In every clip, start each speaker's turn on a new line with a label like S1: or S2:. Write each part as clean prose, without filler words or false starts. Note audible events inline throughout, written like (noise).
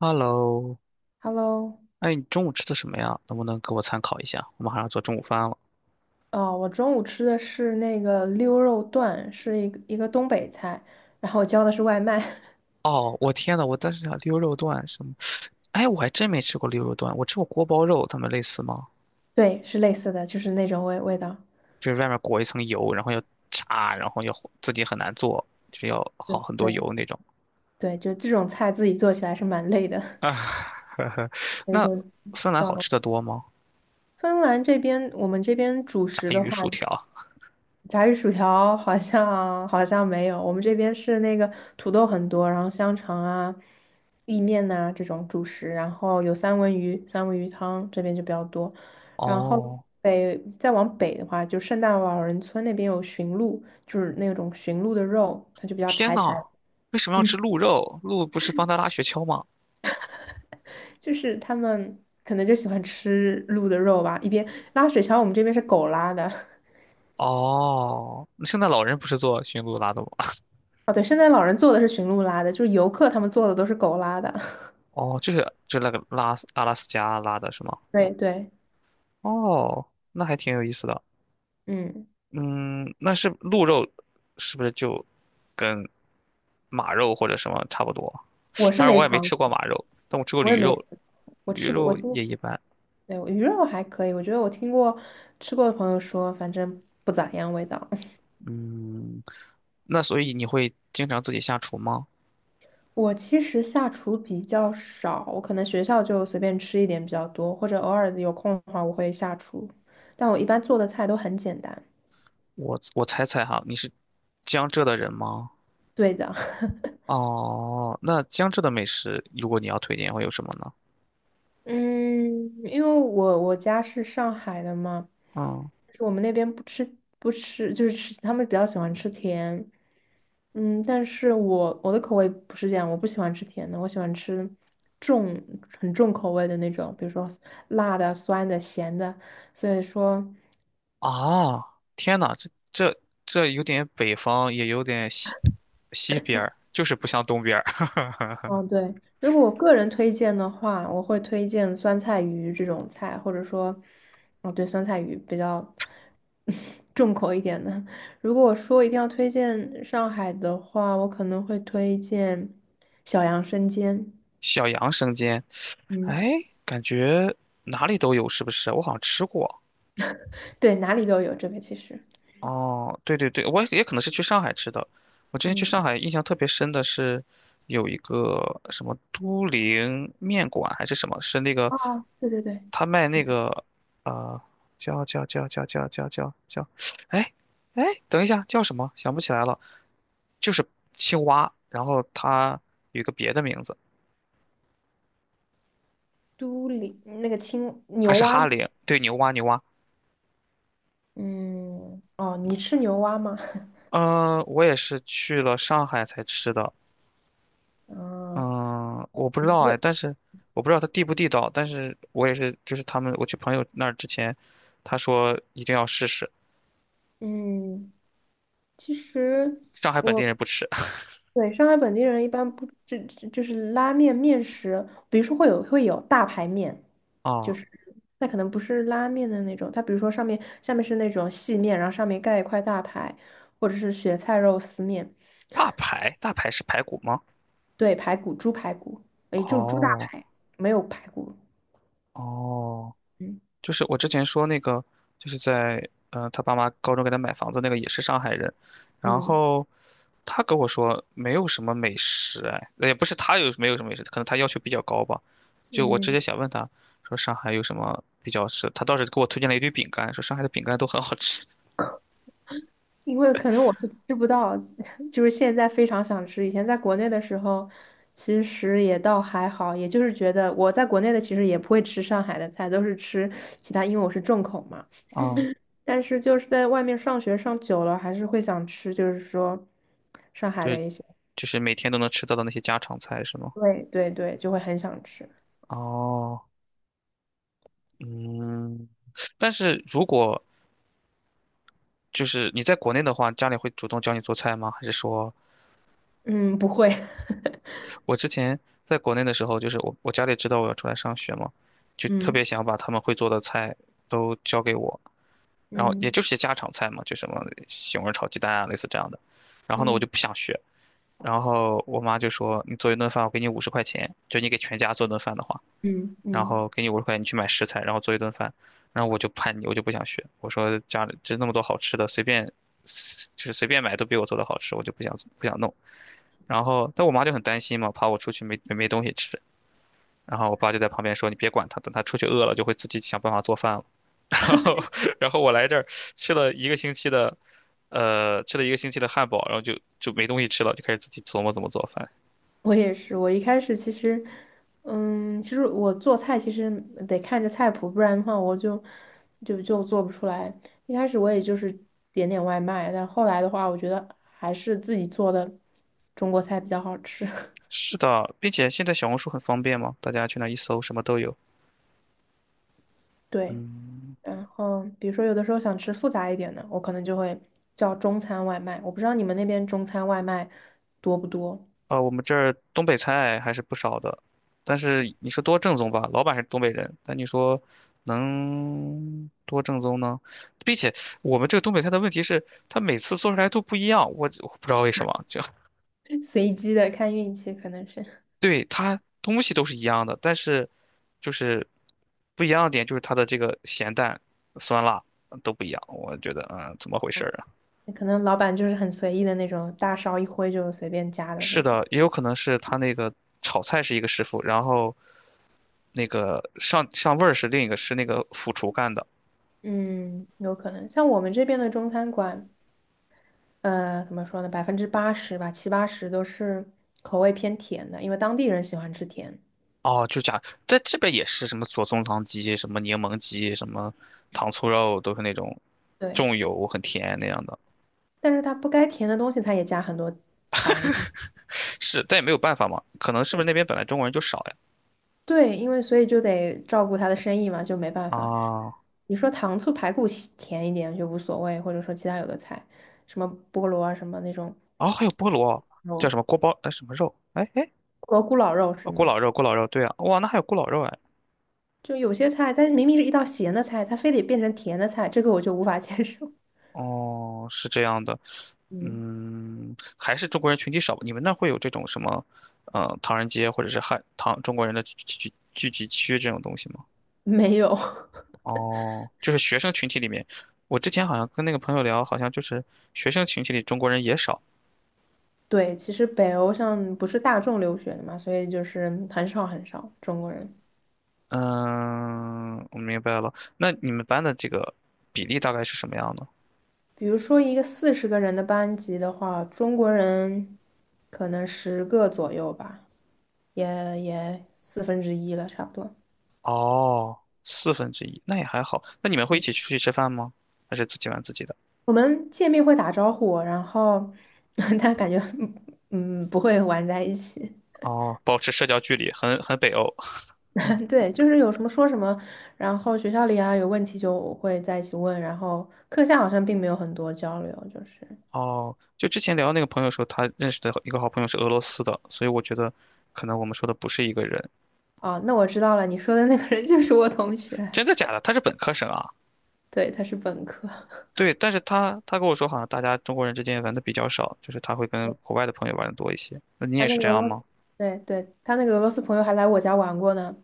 S1: Hello，
S2: Hello，
S1: 哎，你中午吃的什么呀？能不能给我参考一下？我马上要做中午饭了。
S2: 哦，我中午吃的是那个溜肉段，是一个东北菜，然后我叫的是外卖，
S1: 哦，我天呐，我当时想溜肉段什么？哎，我还真没吃过溜肉段，我吃过锅包肉，它们类似吗？
S2: (laughs) 对，是类似的，就是那种味道。
S1: 就是外面裹一层油，然后要炸，然后要自己很难做，就是要好很多
S2: 对
S1: 油那种。
S2: 对，就这种菜自己做起来是蛮累的。
S1: 啊，(laughs) 呵呵，
S2: (laughs) 那
S1: 那
S2: 个
S1: 芬兰好吃的多吗？
S2: 芬兰这边，我们这边主
S1: 炸
S2: 食的
S1: 鱼
S2: 话。
S1: 薯条。
S2: 炸鱼薯条好像 (laughs) 好像没有，我们这边是那个土豆很多，然后香肠啊、意面呐、这种主食，然后有三文鱼、三文鱼汤这边就比较多。然后
S1: 哦，
S2: 再往北的话，就圣诞老人村那边有驯鹿，就是那种驯鹿的肉，它就比较
S1: 天
S2: 柴
S1: 呐，
S2: 柴，
S1: 为什么要吃鹿肉？鹿不是帮他拉雪橇吗？
S2: (laughs) 就是他们可能就喜欢吃鹿的肉吧。一边拉雪橇，我们这边是狗拉的。(laughs)
S1: 哦，那圣诞老人不是做驯鹿拉的吗？
S2: 哦，对，圣诞老人做的是驯鹿拉的，就是游客他们做的都是狗拉的。
S1: 哦，就是就那个拉斯阿拉斯加拉的是吗？
S2: (laughs) 对对。
S1: 哦，那还挺有意思的。
S2: 嗯，
S1: 嗯，那是鹿肉是不是就跟马肉或者什么差不多？
S2: 我是
S1: 当然
S2: 没
S1: 我也没
S2: 尝
S1: 吃过
S2: 过，
S1: 马肉，但我吃过
S2: 我也
S1: 驴
S2: 没吃
S1: 肉，
S2: 过，我
S1: 驴
S2: 吃过，我
S1: 肉
S2: 听过，
S1: 也一般。
S2: 对，鱼肉还可以，我觉得我听过吃过的朋友说，反正不咋样味道。(laughs)
S1: 嗯，那所以你会经常自己下厨吗？
S2: 我其实下厨比较少，我可能学校就随便吃一点比较多，或者偶尔有空的话我会下厨，但我一般做的菜都很简单。
S1: 我猜猜哈，你是江浙的人吗？
S2: 对的，(laughs)
S1: 哦，那江浙的美食，如果你要推荐会有什么呢？
S2: 嗯，因为我家是上海的嘛，
S1: 嗯。
S2: 就是我们那边不吃不吃，就是吃他们比较喜欢吃甜。嗯，但是我的口味不是这样，我不喜欢吃甜的，我喜欢吃重很重口味的那种，比如说辣的、酸的、咸的。所以说，
S1: 啊，天呐，这有点北方，也有点西边儿，就是不像东边儿。(laughs)
S2: 嗯，对，如果我个人推荐的话，我会推荐酸菜鱼这种菜，或者说，哦，对，酸菜鱼比较 (laughs) 重口一点的。如果我说一定要推荐上海的话，我可能会推荐小杨生煎。
S1: 小杨生煎，
S2: 嗯，
S1: 哎，感觉哪里都有，是不是？我好像吃过。
S2: 对，哪里都有这个其实。
S1: 哦，对对对，我也可能是去上海吃的。我之前去
S2: 嗯，
S1: 上海，印象特别深的是有一个什么都灵面馆还是什么，是那个
S2: 哦，对对对，
S1: 他卖那个呃叫，哎哎，等一下叫什么？想不起来了。就是青蛙，然后它有一个别的名字，
S2: 都里那个青
S1: 还
S2: 牛
S1: 是
S2: 蛙
S1: 哈
S2: 吗？
S1: 林，对，牛蛙牛蛙。
S2: 嗯，哦，你吃牛蛙吗？(laughs)
S1: 嗯，我也是去了上海才吃的，
S2: 嗯，
S1: 嗯，我不知道
S2: 我，
S1: 哎，但是我不知道它地不地道，但是我也是，就是他们我去朋友那儿之前，他说一定要试试，
S2: 嗯，其实。
S1: 上海本地
S2: 我。
S1: 人不吃 (laughs)
S2: 对，上海本地人一般不，这就是拉面面食，比如说会有大排面，就
S1: 啊，
S2: 是那可能不是拉面的那种，它比如说上面下面是那种细面，然后上面盖一块大排，或者是雪菜肉丝面，
S1: 大排，大排是排骨吗？
S2: 对，排骨、猪排骨，也就猪大
S1: 哦
S2: 排，没有排骨，
S1: 哦。
S2: 嗯
S1: 就是我之前说那个，就是在他爸妈高中给他买房子那个也是上海人，然
S2: 嗯。
S1: 后他跟我说没有什么美食，哎，也不是他有没有什么美食，可能他要求比较高吧。就我直接
S2: 嗯
S1: 想问他说上海有什么比较吃，他倒是给我推荐了一堆饼干，说上海的饼干都很好吃
S2: 因为可能我是吃不到，(laughs) 就是现在非常想吃。以前在国内的时候，其实也倒还好，也就是觉得我在国内的其实也不会吃上海的菜，都是吃其他，因为我是重口嘛。
S1: 啊 (laughs)，
S2: 但是就是在外面上学上久了，还是会想吃，就是说上海
S1: 就
S2: 的
S1: 是
S2: 一些，
S1: 就是每天都能吃到的那些家常菜是吗？
S2: 对对对，就会很想吃。
S1: 哦，嗯，但是如果就是你在国内的话，家里会主动教你做菜吗？还是说？
S2: 嗯，不会，(laughs)
S1: 我之前在国内的时候，就是我家里知道我要出来上学嘛，就特
S2: 嗯
S1: 别想把他们会做的菜都教给我，然后也
S2: 嗯
S1: 就是些家常菜嘛，就什么西红柿炒鸡蛋啊，类似这样的。然后呢，我就
S2: 嗯
S1: 不想学，然后我妈就说：“你做一顿饭，我给你五十块钱，就你给全家做顿饭的话，
S2: 嗯
S1: 然
S2: 嗯。
S1: 后给你五十块钱，你去买食材，然后做一顿饭。”然后我就叛逆，我就不想学，我说家里就那么多好吃的，随便就是随便买都比我做的好吃，我就不想弄。然后，但我妈就很担心嘛，怕我出去没东西吃，然后我爸就在旁边说：“你别管他，等他出去饿了就会自己想办法做饭了。(laughs)” 然后，然后我来这儿吃了一个星期的，吃了一个星期的汉堡，然后就没东西吃了，就开始自己琢磨怎么做饭。
S2: 我也是，我一开始其实，嗯，其实我做菜其实得看着菜谱，不然的话我就做不出来。一开始我也就是点点外卖，但后来的话，我觉得还是自己做的中国菜比较好吃。(laughs)
S1: 是的，并且现在小红书很方便嘛，大家去那一搜，什么都有。
S2: 对，
S1: 嗯。
S2: 然后比如说有的时候想吃复杂一点的，我可能就会叫中餐外卖。我不知道你们那边中餐外卖多不多，
S1: 啊，我们这儿东北菜还是不少的，但是你说多正宗吧，老板是东北人，但你说能多正宗呢？并且我们这个东北菜的问题是，它每次做出来都不一样，我不知道为什么，就 (laughs)
S2: (laughs) 随机的看运气，可能是，
S1: 对它东西都是一样的，但是就是不一样的点就是它的这个咸淡、酸辣都不一样，我觉得嗯，怎么回事儿啊？
S2: (laughs) 可能老板就是很随意的那种，大勺一挥就随便加的那
S1: 是
S2: 种。
S1: 的，也有可能是他那个炒菜是一个师傅，然后那个上味儿是另一个是那个副厨干的。
S2: 嗯，有可能。像我们这边的中餐馆，怎么说呢？80%吧，七八十都是口味偏甜的，因为当地人喜欢吃甜。
S1: 哦，就假在这边也是什么左宗棠鸡、什么柠檬鸡、什么糖醋肉，都是那种
S2: 对，
S1: 重油很甜那样的。
S2: 但是它不该甜的东西，它也加很多糖。
S1: 是，但也没有办法嘛，可能是不
S2: 对
S1: 是那边本来中国人就少呀？
S2: 对，因为所以就得照顾他的生意嘛，就没办法。
S1: 啊，
S2: 你说糖醋排骨喜甜一点就无所谓，或者说其他有的菜，什么菠萝啊，什么那种
S1: 哦，还有菠萝，叫
S2: 肉，
S1: 什么锅包哎什么肉？哎哎，
S2: 蘑菇老肉是
S1: 哦，咕
S2: 吗？
S1: 老肉，咕老肉，对啊，哇，那还有咕老肉哎。
S2: 就有些菜，它明明是一道咸的菜，它非得变成甜的菜，这个我就无法 (laughs) 接受。
S1: 哦，是这样的。
S2: 嗯，
S1: 嗯，还是中国人群体少吧你们那会有这种什么，唐人街或者是汉唐中国人的聚集区这种东西吗？
S2: (laughs) 没有。(laughs)
S1: 哦，就是学生群体里面，我之前好像跟那个朋友聊，好像就是学生群体里中国人也少。
S2: 对，其实北欧像不是大众留学的嘛，所以就是很少很少中国人。
S1: 嗯，我明白了。那你们班的这个比例大概是什么样的？
S2: 比如说一个40个人的班级的话，中国人可能10个左右吧，也也四分之一了，差不多。
S1: 哦，四分之一，那也还好。那你们会一起出去吃饭吗？还是自己玩自己的？
S2: 我们见面会打招呼，然后 (laughs) 但感觉不会玩在一起。
S1: 哦，保持社交距离，很北欧。(laughs)
S2: (laughs) 对，就是有什么说什么，然后学校里啊有问题就会在一起问，然后课下好像并没有很多交流，就是。
S1: 哦，就之前聊那个朋友说，他认识的一个好朋友是俄罗斯的，所以我觉得可能我们说的不是一个人。
S2: 哦，那我知道了，你说的那个人就是我同学，
S1: 真的假的？他是本科生啊？
S2: 对，他是本科，
S1: 对，但是他跟我说，好像大家中国人之间玩的比较少，就是他会跟国外的朋友玩的多一些。那你
S2: 他
S1: 也
S2: 那
S1: 是这
S2: 个俄
S1: 样
S2: 罗
S1: 吗？
S2: 斯，对对，他那个俄罗斯朋友还来我家玩过呢。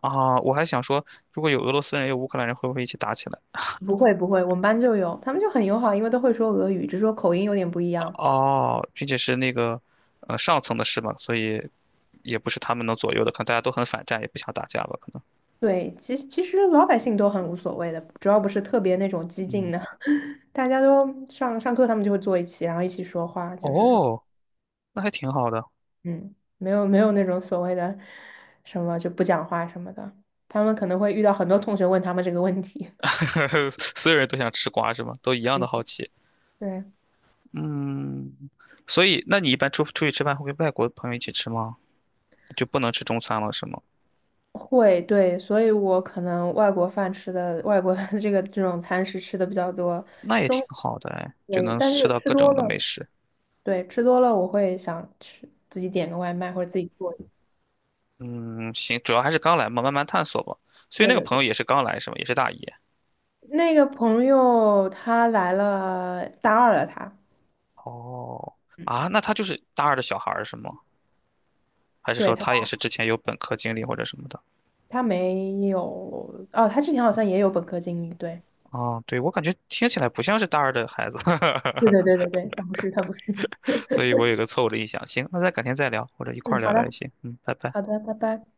S1: 啊，我还想说，如果有俄罗斯人，有乌克兰人，会不会一起打起来？
S2: 不会不会，我们班就有，他们就很友好，因为都会说俄语，只是说口音有点不一样。
S1: 哦，并且是那个，上层的事嘛，所以也不是他们能左右的，可能大家都很反战，也不想打架吧，可能。
S2: 对，其实其实老百姓都很无所谓的，主要不是特别那种激进
S1: 嗯，
S2: 的，(laughs) 大家都上课，他们就会坐一起，然后一起说话，就是这种，
S1: 哦，那还挺好的。
S2: 嗯，没有没有那种所谓的什么就不讲话什么的，他们可能会遇到很多同学问他们这个问题。
S1: (laughs) 所有人都想吃瓜是吗？都一
S2: (laughs)
S1: 样的
S2: 嗯。
S1: 好奇。
S2: 对，
S1: 嗯，所以那你一般出去吃饭会跟外国朋友一起吃吗？就不能吃中餐了是吗？
S2: 会，对，所以我可能外国饭吃的，外国的 (laughs) 这种餐食吃的比较多，
S1: 那也
S2: 中，
S1: 挺好的哎，就
S2: 对，
S1: 能
S2: 但
S1: 吃
S2: 是
S1: 到
S2: 吃
S1: 各
S2: 多
S1: 种的美
S2: 了，
S1: 食。
S2: 对，吃多了我会想吃自己点个外卖或者自己做一个
S1: 嗯，行，主要还是刚来嘛，慢慢探索吧。所以
S2: 对
S1: 那个
S2: 对
S1: 朋
S2: 对，
S1: 友也是刚来是吗？也是大一。
S2: 那个朋友他来了大二了他，
S1: 哦，啊，那他就是大二的小孩儿是吗？还是
S2: 对
S1: 说
S2: 他
S1: 他也是之前有本科经历或者什么的？
S2: 他没有，哦，他之前好像也有本科经历，对，
S1: 哦，对，我感觉听起来不像是大二的孩子。
S2: 对
S1: (laughs)
S2: 对对对对，他不是他不是，
S1: 所以我有个错误的印象。行，那咱改天再聊，或者一块儿
S2: 嗯，
S1: 聊
S2: 好
S1: 聊也
S2: 的
S1: 行。嗯，拜拜。
S2: 好的，拜拜。